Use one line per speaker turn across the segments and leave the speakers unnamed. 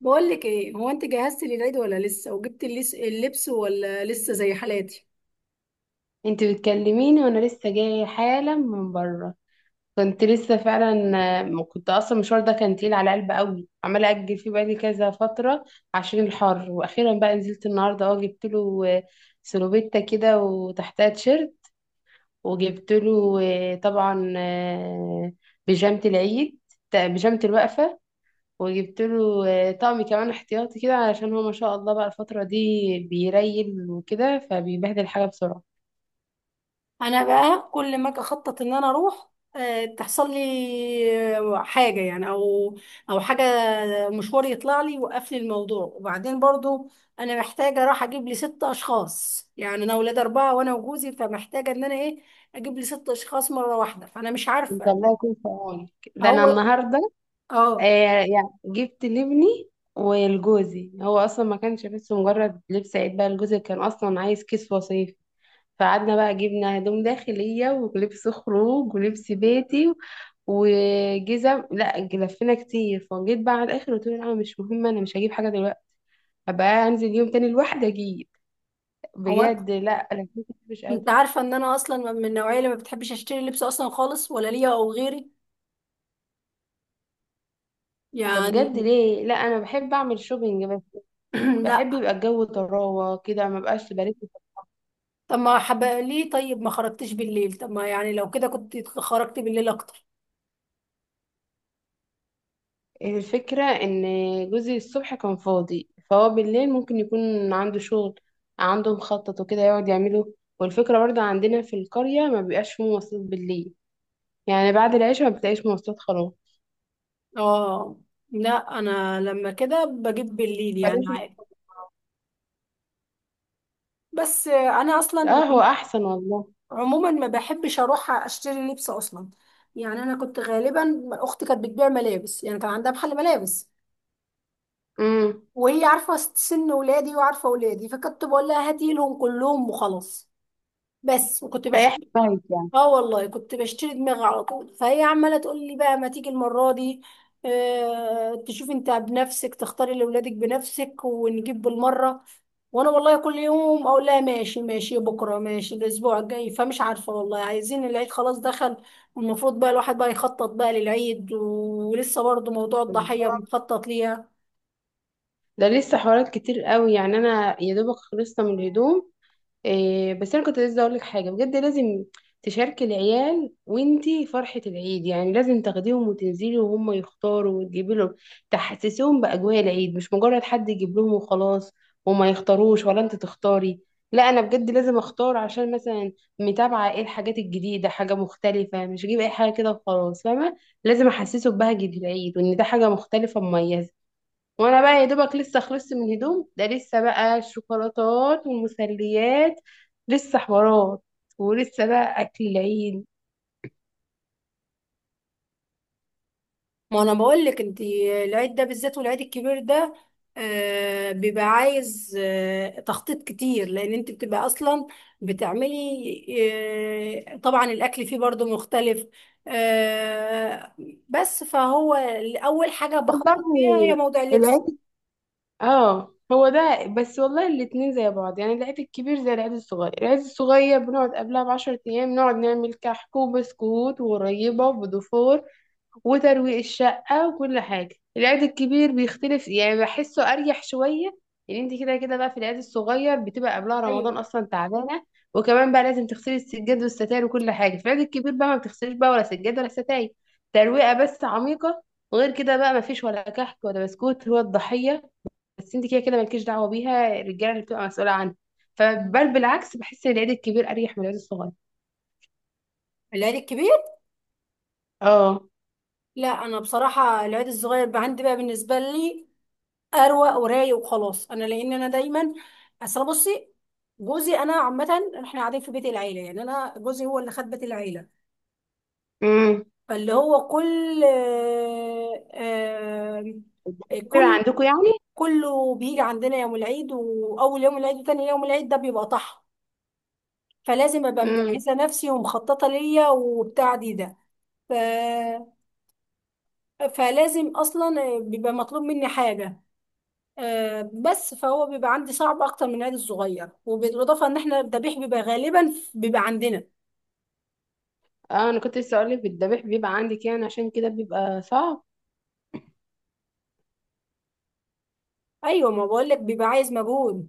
بقول لك ايه؟ هو انت جهزتي للعيد ولا لسه؟ وجبت اللبس ولا لسه زي حالاتي؟
انت بتكلميني وانا لسه جايه حالا من بره. كنت لسه فعلا. ما كنت اصلا، المشوار ده كان تقيل على قلبي قوي عماله اجل فيه بقالي كذا فتره عشان الحر، واخيرا بقى نزلت النهارده. اه جبت له سلوبيتا كده وتحتها تيشيرت. وجبت له طبعا بيجامه العيد، بيجامه الوقفه. وجبت له طقم كمان احتياطي كده علشان هو ما شاء الله بقى الفتره دي بيريل وكده فبيبهدل حاجه بسرعه.
انا بقى كل ما اجي اخطط ان انا اروح، تحصل لي حاجه يعني، او حاجه، مشوار يطلع لي يوقف لي الموضوع. وبعدين برضو انا محتاجه اروح اجيب لي ست اشخاص، يعني انا اولاد اربعه وانا وجوزي، فمحتاجه ان انا ايه، اجيب لي ست اشخاص مره واحده، فانا مش
انت
عارفه.
الله يكون في عونك. ده انا
هو.
النهارده. آه،
اه.
يعني جبت لابني ولجوزي، هو اصلا ما كانش بس مجرد لبس عيد، بقى لجوزي كان اصلا عايز كيس وصيف، فقعدنا بقى جبنا هدوم داخليه ولبس خروج ولبس بيتي وجزم. لا، لفينا كتير فجيت بقى على الاخر، قلت له لا مش مهم، انا مش هجيب حاجه دلوقتي، هبقى انزل يوم تاني لوحدي اجيب.
هو
بجد، لا، انا كنت مش
انت
قادره.
عارفة ان انا اصلا من النوعية اللي ما بتحبش اشتري لبس اصلا خالص، ولا ليا او غيري،
ده
يعني.
بجد ليه؟ لا، انا بحب اعمل شوبينج،
لا.
بحب يبقى الجو طراوة كده ما بقاش برد.
طب ما حب ليه؟ طيب ما خرجتش بالليل؟ طب ما يعني لو كده كنت خرجت بالليل اكتر.
الفكرة ان جوزي الصبح كان فاضي، فهو بالليل ممكن يكون عنده شغل، عنده مخطط وكده يقعد يعمله. والفكرة برضه عندنا في القرية ما بيبقاش فيه مواصلات بالليل، يعني بعد العشاء ما بتلاقيش مواصلات خلاص،
اه. لا انا لما كده بجيب بالليل يعني
فلازم.
عادي. بس انا اصلا
اه، هو احسن والله.
عموما ما بحبش اروح اشتري لبس اصلا. يعني انا كنت غالبا اختي كانت بتبيع ملابس، يعني كان عندها محل ملابس،
امم.
وهي عارفة سن ولادي وعارفة ولادي، فكنت بقول لها هاتي لهم كلهم وخلاص. بس وكنت
ريحت
بشتري.
دماغك يعني.
اه والله كنت بشتري دماغي على طول، فهي عماله تقول لي بقى ما تيجي المره دي، آه تشوف انت بنفسك، تختاري لاولادك بنفسك، ونجيب بالمره. وانا والله كل يوم اقول لها ماشي ماشي، بكره ماشي، الاسبوع الجاي، فمش عارفه والله، عايزين العيد خلاص دخل، والمفروض بقى الواحد بقى يخطط بقى للعيد، ولسه برضه موضوع الضحيه
بالظبط.
بنخطط ليها.
ده لسه حوارات كتير قوي، يعني انا يا دوبك خلصنا من الهدوم. إيه، بس انا كنت لسه اقول لك حاجه، بجد لازم تشاركي العيال وانتي فرحه العيد، يعني لازم تاخديهم وتنزلي وهم يختاروا وتجيبي لهم، تحسسيهم باجواء العيد، مش مجرد حد يجيب لهم وخلاص وما يختاروش ولا انت تختاري. لا، انا بجد لازم اختار عشان مثلا متابعه ايه الحاجات الجديده، حاجه مختلفه، مش اجيب اي حاجه كده وخلاص، فاهمه. لازم احسسه ببهجه العيد وان ده حاجه مختلفه مميزه. وانا بقى يا دوبك لسه خلصت من الهدوم، ده لسه بقى الشوكولاتات والمسليات، لسه حوارات، ولسه بقى اكل العيد.
ما انا بقول لك انت، العيد ده بالذات، والعيد الكبير ده بيبقى عايز تخطيط كتير، لان انت بتبقى اصلا بتعملي، طبعا الاكل فيه برضو مختلف، آه، بس فهو اول حاجة
والله
بخطط فيها هي موضوع اللبس.
العيد. اه، هو ده بس والله، الاتنين زي بعض، يعني العيد الكبير زي العيد الصغير. العيد الصغير بنقعد قبلها ب10 ايام نقعد نعمل كحك وبسكوت وغريبة وبدفور وترويق الشقة وكل حاجة. العيد الكبير بيختلف، يعني بحسه أريح شوية. يعني انت كده كده بقى في العيد الصغير بتبقى قبلها
ايوه.
رمضان أصلا تعبانة، وكمان بقى لازم تغسلي السجاد والستاير وكل حاجة. في العيد الكبير بقى ما بتغسليش بقى ولا سجاد ولا ستاير، ترويقة بس عميقة. وغير كده بقى ما فيش ولا كحك ولا بسكوت، هو الضحية بس انت كده كده مالكيش دعوة بيها، الرجالة اللي بتبقى مسؤولة عنها. فبل بالعكس، بحس ان العيد الكبير أريح من العيد الصغير.
العيد الكبير.
اه.
لا انا بصراحة العيد الصغير بقى عندي، بقى بالنسبة لي اروق ورايق وخلاص. انا لان انا دايما، اصل بصي، جوزي انا عامه، احنا قاعدين في بيت العيله، يعني انا جوزي هو اللي خد بيت العيله،
امم.
فاللي هو كل،
كبير
كل
عندكم
كله بيجي عندنا يوم العيد، واول يوم العيد وتاني يوم العيد، ده بيبقى طحن. فلازم ابقى
يعني.
مجهزه نفسي ومخططه ليا وبتاع دي ده، ف... فلازم اصلا بيبقى مطلوب مني حاجه، بس فهو بيبقى عندي صعب اكتر من العيد الصغير. وبالاضافه ان احنا الذبيح بيبقى غالبا بيبقى عندنا.
اه، انا كنت لسه اقولك الذبيح بيبقى عندي كده، أنا عشان كده بيبقى صعب.
ايوه ما بقول لك بيبقى عايز مجهود.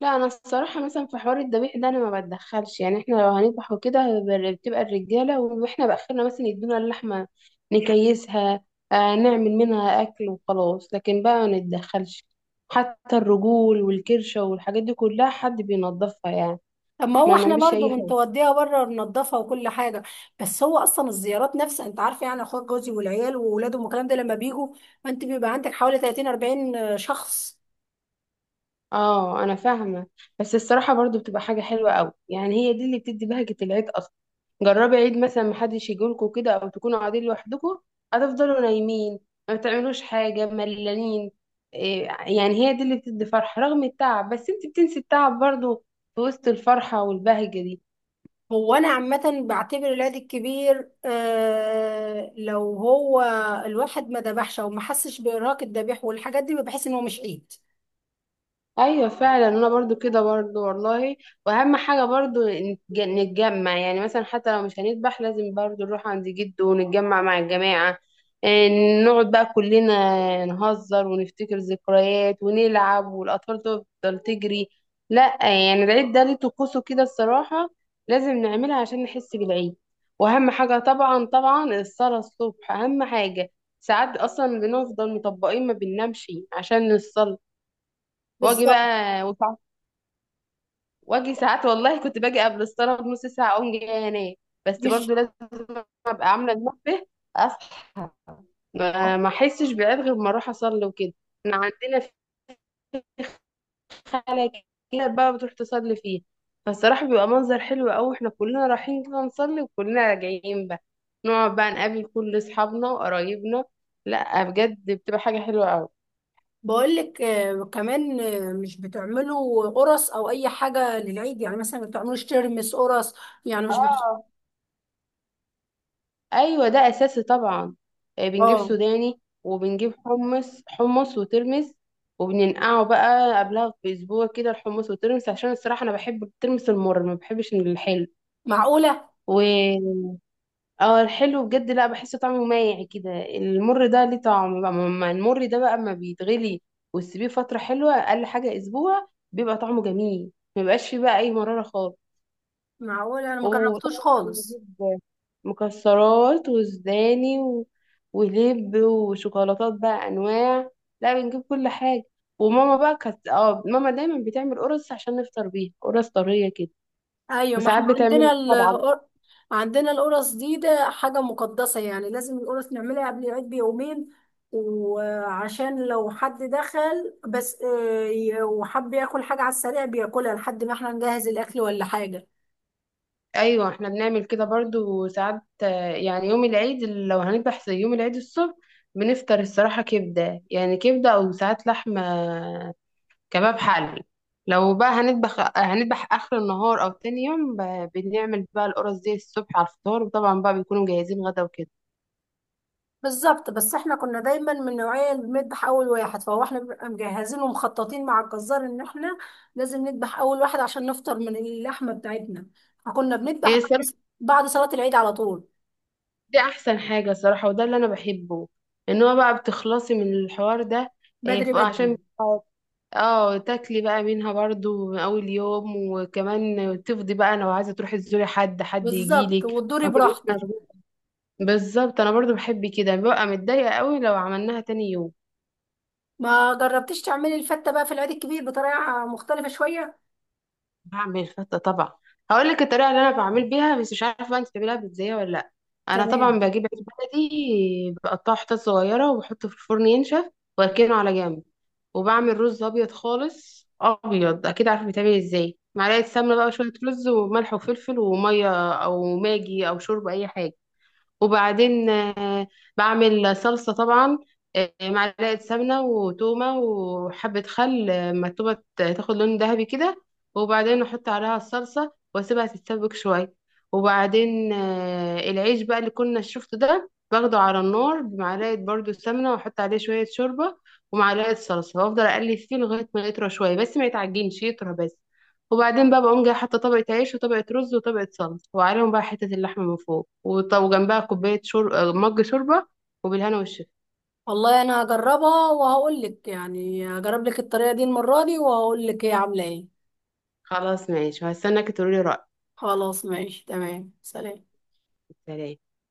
لا، انا الصراحه مثلا في حوار الذبيح ده انا ما بتدخلش، يعني احنا لو هنذبح وكده بتبقى الرجاله، واحنا باخرنا مثلا يدونا اللحمه نكيسها، نعمل منها اكل وخلاص، لكن بقى ما نتدخلش. حتى الرجول والكرشه والحاجات دي كلها حد بينظفها يعني،
اما
احنا
هو
ما
احنا
بنعملش
برضو
اي حاجه.
بنتوديها بره ننضفها وكل حاجه. بس هو اصلا الزيارات نفسها انت عارفه، يعني اخوات جوزي والعيال واولادهم والكلام ده لما بيجوا، انت بيبقى عندك حوالي 30 40 شخص.
اه، انا فاهمه. بس الصراحه برضو بتبقى حاجه حلوه قوي، يعني هي دي اللي بتدي بهجه العيد اصلا. جربي عيد مثلا محدش يجيلكوا كده او تكونوا قاعدين لوحدكم، هتفضلوا نايمين ما بتعملوش حاجه، ملانين. إيه، يعني هي دي اللي بتدي فرحه رغم التعب، بس انت بتنسي التعب برضو في وسط الفرحه والبهجه دي.
هو انا عامه بعتبر العيد الكبير، آه لو هو الواحد ما ذبحش او ما حسش بارهاق الذبيح والحاجات دي، بحس ان هو مش عيد.
ايوه فعلا، انا برضو كده برضو والله. واهم حاجه برضو نتجمع، يعني مثلا حتى لو مش هنذبح لازم برضو نروح عند جده ونتجمع مع الجماعه. إيه، نقعد بقى كلنا نهزر ونفتكر ذكريات ونلعب والاطفال تفضل تجري. لا يعني، العيد ده ليه طقوسه كده الصراحه، لازم نعملها عشان نحس بالعيد. واهم حاجه طبعا طبعا الصلاه الصبح اهم حاجه، ساعات اصلا بنفضل مطبقين ما بننامش عشان نصلي. واجي
بالظبط.
بقى وسع- واجي ساعات والله، كنت باجي قبل الصلاه بنص ساعه اقوم جايه انام، بس
مش
برضو لازم ابقى عامله المنبه اصحى. ما احسش بعيد غير ما اروح اصلي وكده. احنا عندنا في خاله كده بقى بتروح تصلي فيه، فالصراحه بيبقى منظر حلو قوي واحنا كلنا رايحين كده نصلي، وكلنا راجعين بقى نقعد بقى نقابل كل اصحابنا وقرايبنا. لا بجد، بتبقى حاجه حلوه قوي.
بقولك كمان، مش بتعملوا قرص او اي حاجه للعيد؟ يعني مثلا ما بتعملوش ترمس قرص يعني؟ مش بت...
اه. ايوه، ده اساسي طبعا. بنجيب
اه.
سوداني وبنجيب حمص حمص وترمس، وبننقعه بقى قبلها باسبوع كده، الحمص والترمس، عشان الصراحه انا بحب الترمس المر، ما بحبش الحلو.
معقوله.
و اه الحلو بجد لا، بحس طعمه مايع كده. المر ده ليه طعم بقى، ما المر ده بقى اما بيتغلي وتسيبيه فتره حلوه اقل حاجه اسبوع بيبقى طعمه جميل، ما بيبقاش فيه بقى اي مراره خالص.
معقوله، انا ما جربتوش
وطبعا
خالص.
بنجيب مكسرات وسوداني ولب وشوكولاتات بقى انواع، لا بنجيب كل حاجه. وماما بقى كانت ماما دايما بتعمل قرص عشان نفطر بيها، قرص طريه كده،
ايوه ما احنا
وساعات بتعمل طبعا.
عندنا القرص دي، ده حاجه مقدسه يعني، لازم القرص نعملها قبل العيد بيومين، وعشان لو حد دخل بس وحب ياكل حاجه على السريع بياكلها، لحد ما احنا نجهز الاكل ولا حاجه.
ايوه، احنا بنعمل كده برضو. وساعات يعني يوم العيد لو هنذبح، زي يوم العيد الصبح بنفطر الصراحه كبده، يعني كبده او ساعات لحمه كباب حل. لو بقى هنذبح هنذبح اخر النهار او تاني يوم بنعمل بقى القرص دي الصبح على الفطار، وطبعا بقى بيكونوا مجهزين غدا وكده.
بالظبط. بس احنا كنا دايما من نوعية اللي بنذبح اول واحد، فهو احنا بنبقى مجهزين ومخططين مع الجزار ان احنا لازم نذبح اول واحد عشان نفطر من اللحمة بتاعتنا، فكنا بنذبح
ايه
بعد
الصراحه،
بعد صلاة العيد على طول.
دي احسن حاجه صراحه، وده اللي انا بحبه، ان هو بقى بتخلصي من الحوار ده. إيه
بدري
ف- عشان
بدري.
اه تاكلي بقى منها برضو من اول يوم، وكمان تفضي بقى لو عايزه تروحي تزوري حد، حد
بالظبط
يجيلك،
وتدوري
ما تبقيش
براحتك.
مشغوله. بالظبط، انا برضو بحب كده، ببقى متضايقه قوي لو عملناها تاني يوم.
ما جربتيش تعملي الفتة بقى في العيد الكبير بطريقة مختلفة شوية؟
بعمل فتة طبعا، هقول لك الطريقة اللي انا بعمل بيها، بس مش عارفة بقى انت بتعمليها ازاي ولا لا. انا طبعا
تمام.
بجيب عيش بلدي بقطعه حتت صغيرة وبحطه في الفرن ينشف واركنه على جنب، وبعمل رز ابيض خالص، ابيض اكيد عارفه بيتعمل ازاي، معلقة سمنة بقى وشوية رز وملح وفلفل ومية او ماجي او شوربة اي حاجة. وبعدين بعمل صلصة طبعا، معلقة سمنة وتومة وحبة خل، ما التومة تاخد لون ذهبي كده، وبعدين أحط عليها الصلصة وأسيبها تتسبك شوية. وبعدين العيش بقى اللي كنا شفته ده باخده على النار بمعلقة برضو سمنة، وأحط عليه شوية شوربة ومعلقة صلصة وأفضل أقلب فيه لغاية ما يطرى شوية بس ما يتعجنش، يطرى بس. وبعدين بقى بقوم جايه حاطه طبقه عيش وطبقه رز وطبقه صلصه، وعليهم بقى حته اللحمه من فوق، وجنبها كوبايه شرب مج شوربه، وبالهنا والشفا.
والله انا هجربها وهقول لك، يعني هجرب لك الطريقة دي المرة دي وهقول لك هي عاملة ايه.
خلاص ماشي، وهستناك تقولي رايك.
خلاص ماشي. تمام. سلام.
سلام.